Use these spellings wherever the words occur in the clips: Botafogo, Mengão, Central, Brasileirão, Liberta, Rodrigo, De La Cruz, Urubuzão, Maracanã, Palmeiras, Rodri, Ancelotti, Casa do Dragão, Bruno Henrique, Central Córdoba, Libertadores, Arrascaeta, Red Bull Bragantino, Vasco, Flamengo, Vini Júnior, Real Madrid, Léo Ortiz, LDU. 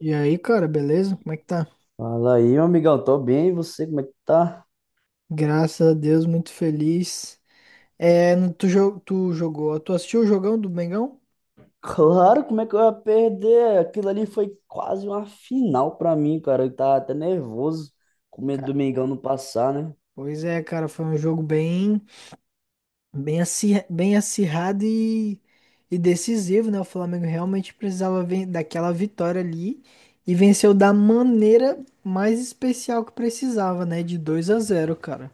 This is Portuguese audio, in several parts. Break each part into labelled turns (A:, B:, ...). A: E aí, cara, beleza? Como é que tá?
B: Fala aí, meu amigão, tô bem, e você, como é que tá?
A: Graças a Deus, muito feliz. É, no- tu, jo- tu jogou, tu assistiu o jogão do Mengão?
B: Claro, como é que eu ia perder? Aquilo ali foi quase uma final pra mim, cara. Eu tava até nervoso, com medo
A: Ca-
B: do Mengão não passar, né?
A: Pois é, cara, foi um jogo bem acirrado e decisivo, né? O Flamengo realmente precisava daquela vitória ali e venceu da maneira mais especial que precisava, né? De 2 a 0, cara.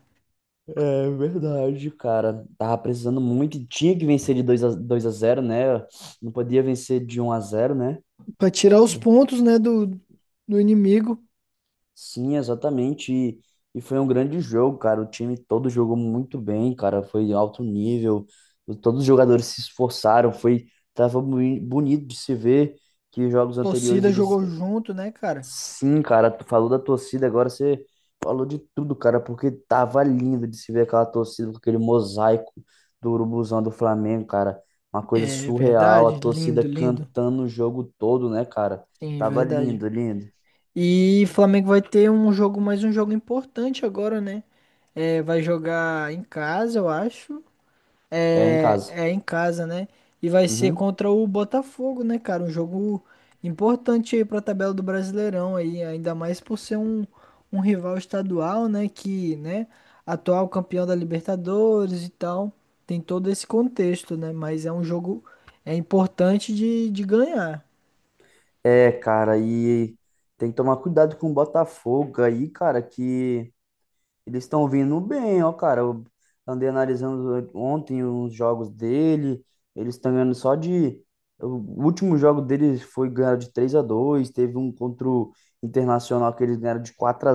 B: É verdade, cara. Tava precisando muito, e tinha que vencer de dois a zero né? Não podia vencer de um a zero né?
A: Pra tirar os pontos, né, do inimigo.
B: Sim, exatamente. E foi um grande jogo, cara. O time todo jogou muito bem, cara. Foi alto nível. Todos os jogadores se esforçaram. Foi, tava bonito de se ver que jogos anteriores
A: Torcida
B: eles.
A: jogou junto, né, cara?
B: Sim, cara. Tu falou da torcida, agora você falou de tudo, cara. Porque tava lindo de se ver aquela torcida com aquele mosaico do Urubuzão do Flamengo, cara. Uma coisa
A: É
B: surreal. A
A: verdade,
B: torcida
A: lindo, lindo.
B: cantando o jogo todo, né, cara?
A: Sim, é
B: Tava
A: verdade.
B: lindo, lindo.
A: E Flamengo vai ter um jogo, mais um jogo importante agora, né? É, vai jogar em casa, eu acho.
B: É em
A: É,
B: casa.
A: é em casa, né? E vai ser
B: Uhum.
A: contra o Botafogo, né, cara? Um jogo importante aí pra tabela do Brasileirão aí, ainda mais por ser um rival estadual, né? Que, né, atual campeão da Libertadores e tal. Tem todo esse contexto, né? Mas é um jogo, é importante de ganhar.
B: É, cara, e tem que tomar cuidado com o Botafogo aí, cara, que eles estão vindo bem, ó, cara. Eu andei analisando ontem os jogos dele, eles estão ganhando só de. O último jogo deles foi ganhar de 3 a 2 teve um contra o Internacional que eles ganharam de 4 a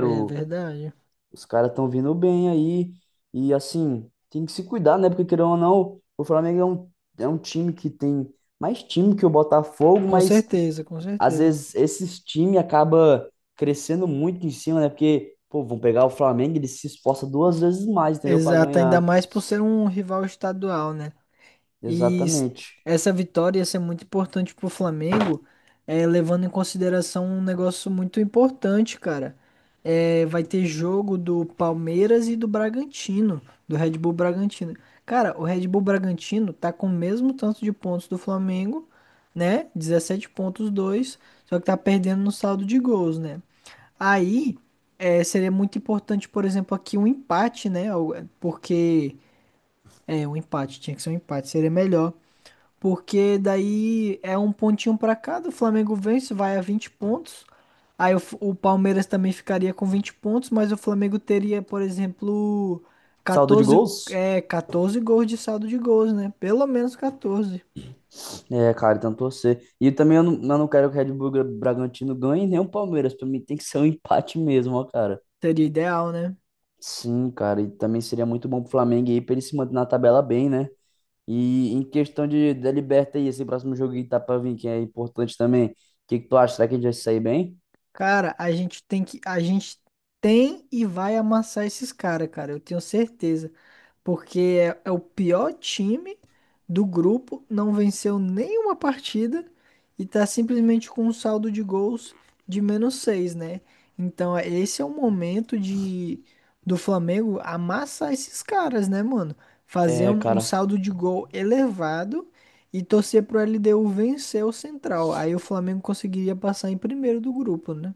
A: É verdade.
B: Os caras estão vindo bem aí, e assim, tem que se cuidar, né? Porque querendo ou não, o Flamengo é um time que tem mais time que o Botafogo,
A: Com
B: mas
A: certeza, com
B: às
A: certeza.
B: vezes esses times acaba crescendo muito em cima, né? Porque, pô, vão pegar o Flamengo, ele se esforça duas vezes mais, entendeu? Pra
A: Exato, ainda
B: ganhar.
A: mais por ser um rival estadual, né? E
B: Exatamente.
A: essa vitória ia ser muito importante pro Flamengo, levando em consideração um negócio muito importante, cara. É, vai ter jogo do Palmeiras e do Bragantino, do Red Bull Bragantino. Cara, o Red Bull Bragantino tá com o mesmo tanto de pontos do Flamengo, né? 17 pontos, 2, só que tá perdendo no saldo de gols, né? Aí seria muito importante, por exemplo, aqui um empate, né? Porque é um empate, tinha que ser um empate, seria melhor. Porque daí é um pontinho pra cada, o Flamengo vence, vai a 20 pontos. Aí o Palmeiras também ficaria com 20 pontos, mas o Flamengo teria, por exemplo,
B: Saldo de gols?
A: 14 gols de saldo de gols, né? Pelo menos 14.
B: É, cara, então torcer. E também eu não quero que o Red Bull Bragantino ganhe nem o Palmeiras. Pra mim tem que ser um empate mesmo, ó, cara.
A: Seria ideal, né?
B: Sim, cara. E também seria muito bom pro Flamengo aí pra ele se manter na tabela bem, né? E em questão de da Liberta aí, esse próximo jogo que tá pra vir, que é importante também. O que que tu acha? Será que a gente vai sair bem?
A: Cara, a gente tem e vai amassar esses caras, cara, eu tenho certeza. Porque é o pior time do grupo, não venceu nenhuma partida e tá simplesmente com um saldo de gols de -6, né? Então, esse é o momento de do Flamengo amassar esses caras, né, mano? Fazer
B: É,
A: um
B: cara.
A: saldo de gol elevado e torcer pro LDU vencer o Central. Aí o Flamengo conseguiria passar em primeiro do grupo, né?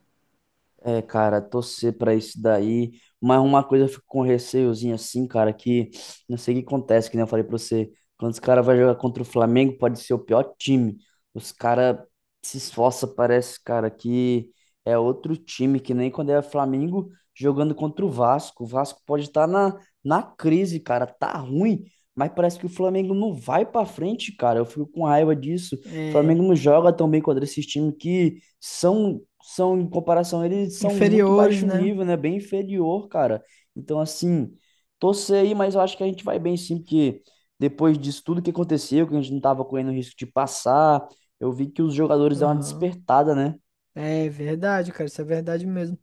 B: É, cara, torcer pra isso daí. Mas uma coisa eu fico com receiozinho assim, cara, que não sei o que acontece, que nem eu falei pra você. Quando os caras vão jogar contra o Flamengo, pode ser o pior time. Os caras se esforçam, parece, cara, que é outro time, que nem quando é Flamengo jogando contra o Vasco. O Vasco pode estar na crise, cara, tá ruim, mas parece que o Flamengo não vai pra frente, cara. Eu fico com raiva disso. O
A: É,
B: Flamengo não joga tão bem contra esses times que são em comparação, eles são muito
A: inferiores,
B: baixo
A: né?
B: nível, né? Bem inferior, cara. Então, assim, torcer aí, mas eu acho que a gente vai bem sim, porque depois disso tudo que aconteceu, que a gente não tava correndo risco de passar, eu vi que os jogadores deram uma
A: Aham.
B: despertada, né?
A: É verdade, cara, isso é verdade mesmo.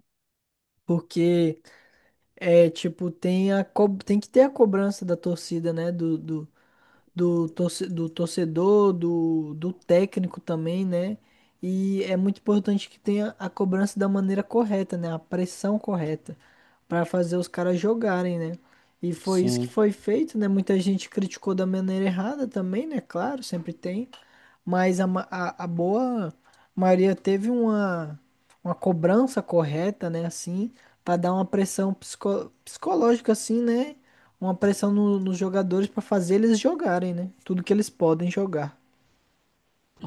A: Porque é tipo, tem que ter a cobrança da torcida, né? Do torcedor, do técnico também, né? E é muito importante que tenha a cobrança da maneira correta, né? A pressão correta para fazer os caras jogarem, né? E foi isso que
B: Sim,
A: foi feito, né? Muita gente criticou da maneira errada também, né? Claro, sempre tem. Mas a boa maioria teve uma cobrança correta, né? Assim, para dar uma pressão psicológica, assim, né? Uma pressão nos jogadores para fazer eles jogarem, né? Tudo que eles podem jogar.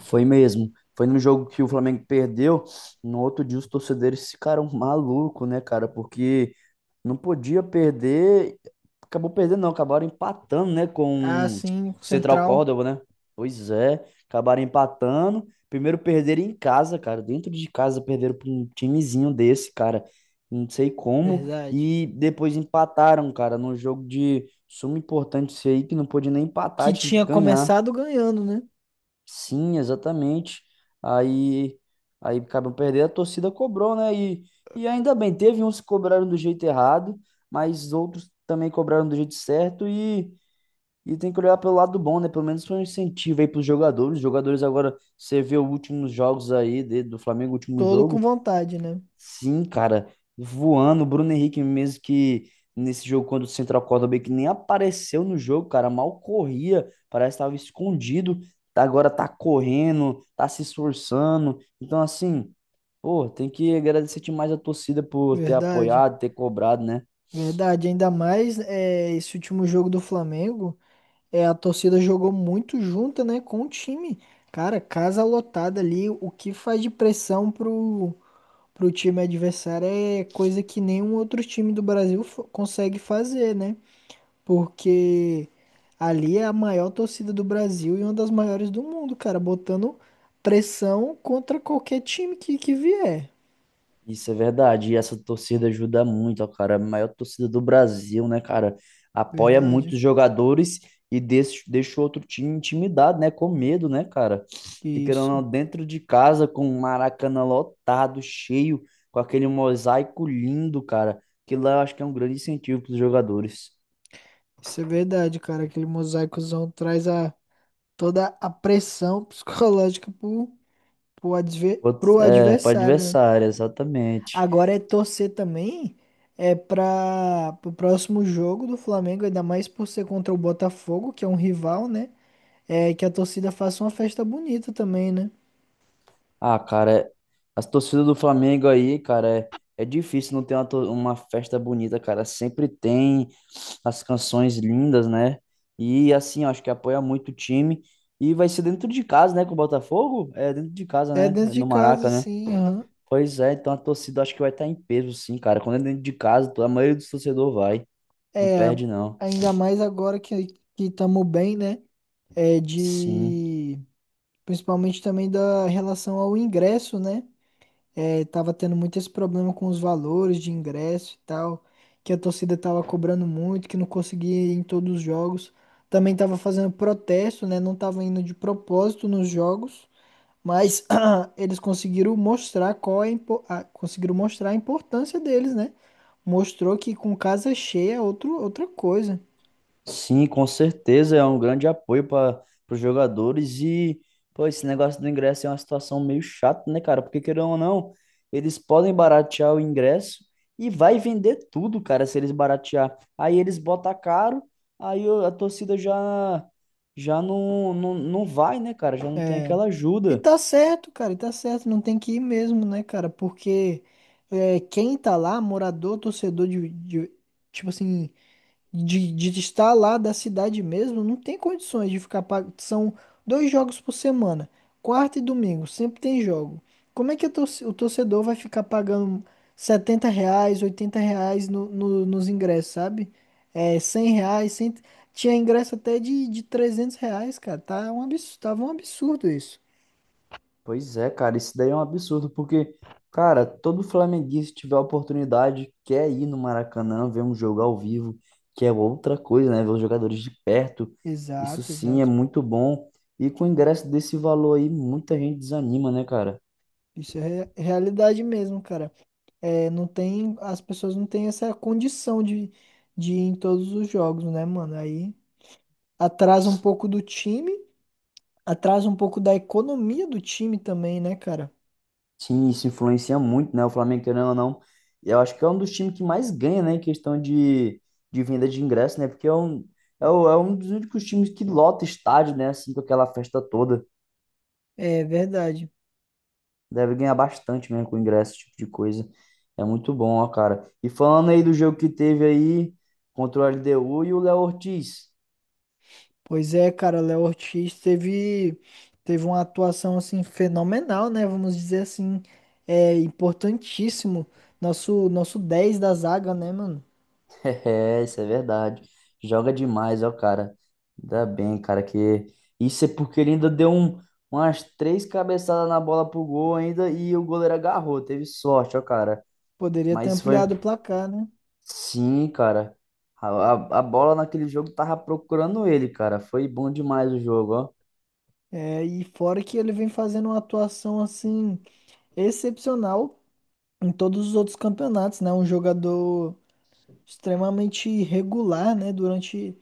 B: foi mesmo. Foi no jogo que o Flamengo perdeu. No outro dia, os torcedores ficaram malucos, né, cara? Porque não podia perder. Acabou perdendo, não. Acabaram empatando, né?
A: Ah,
B: Com o
A: sim, o
B: Central
A: Central,
B: Córdoba, né? Pois é. Acabaram empatando. Primeiro perderam em casa, cara. Dentro de casa perderam para um timezinho desse, cara. Não sei como.
A: verdade.
B: E depois empataram, cara, num jogo de suma importância aí que não podia nem empatar,
A: Que
B: tinha que
A: tinha
B: ganhar.
A: começado ganhando, né?
B: Sim, exatamente. Aí, aí acabam perdendo, a torcida cobrou, né? E ainda bem, teve uns que cobraram do jeito errado, mas outros também cobraram do jeito certo e tem que olhar pelo lado bom, né? Pelo menos foi um incentivo aí para os jogadores. Os jogadores agora, você vê os últimos jogos aí de- do Flamengo, o último
A: Todo com
B: jogo.
A: vontade, né?
B: Sim, cara, voando, o Bruno Henrique mesmo que nesse jogo quando o Central Córdoba que nem apareceu no jogo, cara, mal corria, parece que estava escondido, tá- agora tá correndo, tá se esforçando. Então assim, pô, tem que agradecer demais a torcida por ter
A: Verdade,
B: apoiado, ter cobrado, né?
A: verdade. Ainda mais esse último jogo do Flamengo, a torcida jogou muito junta, né? Com o time. Cara, casa lotada ali, o que faz de pressão pro time adversário é coisa que nenhum outro time do Brasil consegue fazer, né? Porque ali é a maior torcida do Brasil e uma das maiores do mundo, cara, botando pressão contra qualquer time que vier.
B: Isso é verdade. E essa torcida ajuda muito, ó, cara. A maior torcida do Brasil, né, cara? Apoia
A: Verdade.
B: muitos jogadores e deixa o outro time intimidado, né? Com medo, né, cara? E querendo
A: Isso.
B: ou não, dentro de casa, com o Maracanã lotado, cheio, com aquele mosaico lindo, cara. Que lá eu acho que é um grande incentivo para os jogadores.
A: Isso é verdade, cara. Aquele mosaicozão traz toda a pressão psicológica pro, pro, adver-
B: Outros-
A: pro
B: É, para
A: adversário, né?
B: adversário, exatamente.
A: Agora é torcer também, é para o próximo jogo do Flamengo, ainda mais por ser contra o Botafogo, que é um rival, né? É que a torcida faça uma festa bonita também, né?
B: Ah, cara, é- as torcidas do Flamengo aí, cara, é difícil não ter uma, to- uma festa bonita, cara. Sempre tem as canções lindas, né? E assim, eu acho que apoia muito o time. E vai ser dentro de casa, né? Com o Botafogo? É dentro de casa,
A: É
B: né?
A: dentro
B: É
A: de
B: no
A: casa,
B: Maraca, né?
A: sim, aham.
B: Pois é, então a torcida acho que vai estar em peso, sim, cara. Quando é dentro de casa, a maioria dos torcedores vai. Não
A: É,
B: perde, não.
A: ainda mais agora que estamos bem, né? É
B: Sim.
A: de principalmente também da relação ao ingresso, né? É, tava tendo muito esse problema com os valores de ingresso e tal, que a torcida tava cobrando muito, que não conseguia ir em todos os jogos. Também tava fazendo protesto, né? Não tava indo de propósito nos jogos. Mas eles conseguiram mostrar qual é, conseguiram mostrar a importância deles, né? Mostrou que com casa cheia é outra coisa.
B: Sim, com certeza é um grande apoio para os jogadores e pô, esse negócio do ingresso é uma situação meio chata, né, cara? Porque querendo ou não, eles podem baratear o ingresso e vai vender tudo, cara, se eles baratear. Aí eles botam caro, aí o- a torcida já já não vai, né, cara? Já não tem
A: É.
B: aquela
A: E
B: ajuda.
A: tá certo, cara, e tá certo, não tem que ir mesmo, né, cara? Porque quem tá lá, morador, torcedor tipo assim, de estar lá da cidade mesmo, não tem condições de ficar pag... São dois jogos por semana, quarta e domingo, sempre tem jogo. Como é que o torcedor vai ficar pagando 70 reais, 80 reais nos ingressos, sabe? É, 100 reais, 100... tinha ingresso até de 300 reais, cara. Tá um absurdo, tava um absurdo isso.
B: Pois é, cara, isso daí é um absurdo, porque, cara, todo flamenguista que tiver a oportunidade quer ir no Maracanã ver um jogo ao vivo, que é outra coisa, né? Ver os jogadores de perto, isso
A: Exato,
B: sim é
A: exato.
B: muito bom. E com o ingresso desse valor aí, muita gente desanima, né, cara?
A: Isso é realidade mesmo, cara. É, não tem, as pessoas não têm essa condição de ir em todos os jogos, né, mano? Aí atrasa um pouco do time, atrasa um pouco da economia do time também, né, cara?
B: Sim, isso influencia muito, né? O Flamengo, querendo ou não, eu acho que é um dos times que mais ganha, né, em questão de venda de ingresso, né? Porque é um, é, o- é um dos únicos times que lota estádio, né, assim, com aquela festa toda.
A: É verdade.
B: Deve ganhar bastante mesmo com ingresso, esse tipo de coisa. É muito bom, ó, cara. E falando aí do jogo que teve aí contra o LDU e o Léo Ortiz.
A: Pois é, cara, Léo Ortiz teve uma atuação assim fenomenal, né? Vamos dizer assim, é importantíssimo. Nosso 10 da zaga, né, mano?
B: É, isso é verdade. Joga demais, ó, cara. Ainda bem, cara, que... Isso é porque ele ainda deu um, umas três cabeçadas na bola pro gol ainda e o goleiro agarrou. Teve sorte, ó, cara.
A: Poderia ter
B: Mas foi...
A: ampliado o placar, né?
B: Sim, cara. A bola naquele jogo tava procurando ele, cara. Foi bom demais o jogo, ó.
A: É, e fora que ele vem fazendo uma atuação assim excepcional em todos os outros campeonatos, né? Um jogador extremamente regular, né? Durante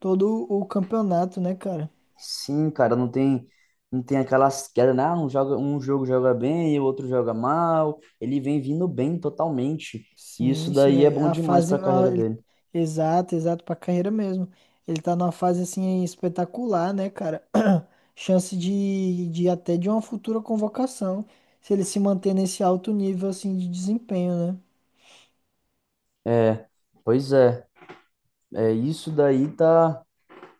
A: todo o campeonato, né, cara?
B: Sim, cara, não tem aquelas quedas, né? Ah, um joga, um jogo joga bem e o outro joga mal. Ele vem vindo bem totalmente. E isso
A: Sim, sim.
B: daí é bom
A: A
B: demais
A: fase.
B: para a carreira dele.
A: Exato, exato, pra carreira mesmo. Ele tá numa fase assim espetacular, né, cara? Chance de até de uma futura convocação, se ele se manter nesse alto nível assim de desempenho, né?
B: É, pois é, é isso daí tá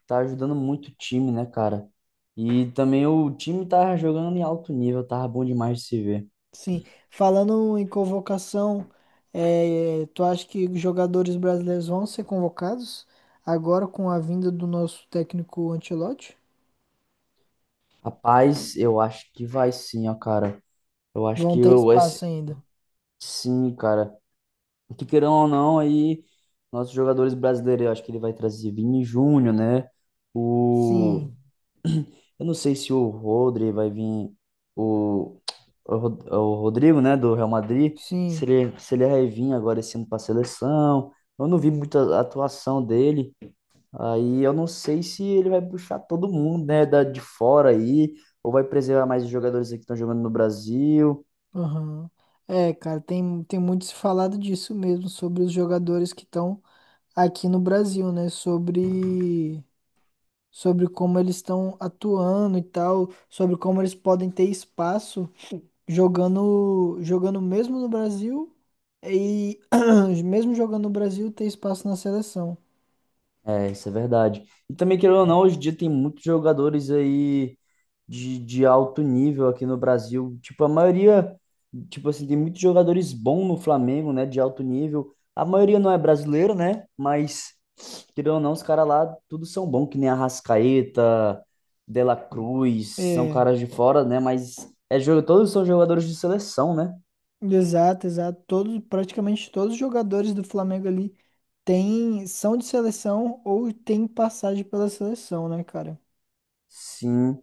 B: tá ajudando muito o time, né, cara? E também o time tá jogando em alto nível, tava bom demais de se ver.
A: Sim, falando em convocação, tu acha que os jogadores brasileiros vão ser convocados agora com a vinda do nosso técnico Ancelotti?
B: Rapaz, eu acho que vai sim, ó, cara. Eu acho
A: Vão
B: que
A: ter
B: eu, esse,
A: espaço ainda?
B: sim, cara. Que queiram ou não, aí nossos jogadores brasileiros, eu acho que ele vai trazer Vini Júnior, né? O
A: Sim,
B: eu não sei se o Rodri vai vir o o Rodrigo, né, do Real Madrid, se
A: sim,
B: ele se ele vai vir agora esse ano para a seleção. Eu não vi muita atuação dele. Aí eu não sei se ele vai puxar todo mundo, né, da de fora aí, ou vai preservar mais os jogadores aqui que estão jogando no Brasil.
A: aham. É, cara, tem muito se falado disso mesmo, sobre os jogadores que estão aqui no Brasil, né? Sobre como eles estão atuando e tal, sobre como eles podem ter espaço jogando, jogando mesmo no Brasil e mesmo jogando no Brasil ter espaço na seleção.
B: É, isso é verdade. E também, querendo ou não, hoje em dia tem muitos jogadores aí de alto nível aqui no Brasil. Tipo, a maioria, tipo assim, tem muitos jogadores bons no Flamengo, né, de alto nível. A maioria não é brasileiro, né, mas, querendo ou não, os caras lá tudo são bons, que nem Arrascaeta, De La Cruz, são
A: É,
B: caras de fora, né, mas é jogo, todos são jogadores de seleção, né?
A: exato, exato. Todos, praticamente todos os jogadores do Flamengo ali têm, são de seleção ou têm passagem pela seleção, né, cara?
B: Sim.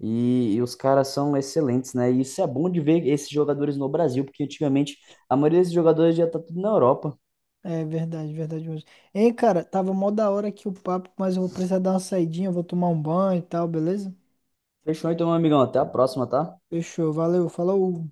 B: E os caras são excelentes, né? E isso é bom de ver esses jogadores no Brasil, porque antigamente a maioria desses jogadores já tá tudo na Europa.
A: É verdade, verdade mesmo. Hein, cara, tava mó da hora aqui o papo, mas eu vou precisar dar uma saidinha, eu vou tomar um banho e tal, beleza?
B: Fechou então, meu amigão. Até a próxima, tá?
A: Fechou, valeu, falou.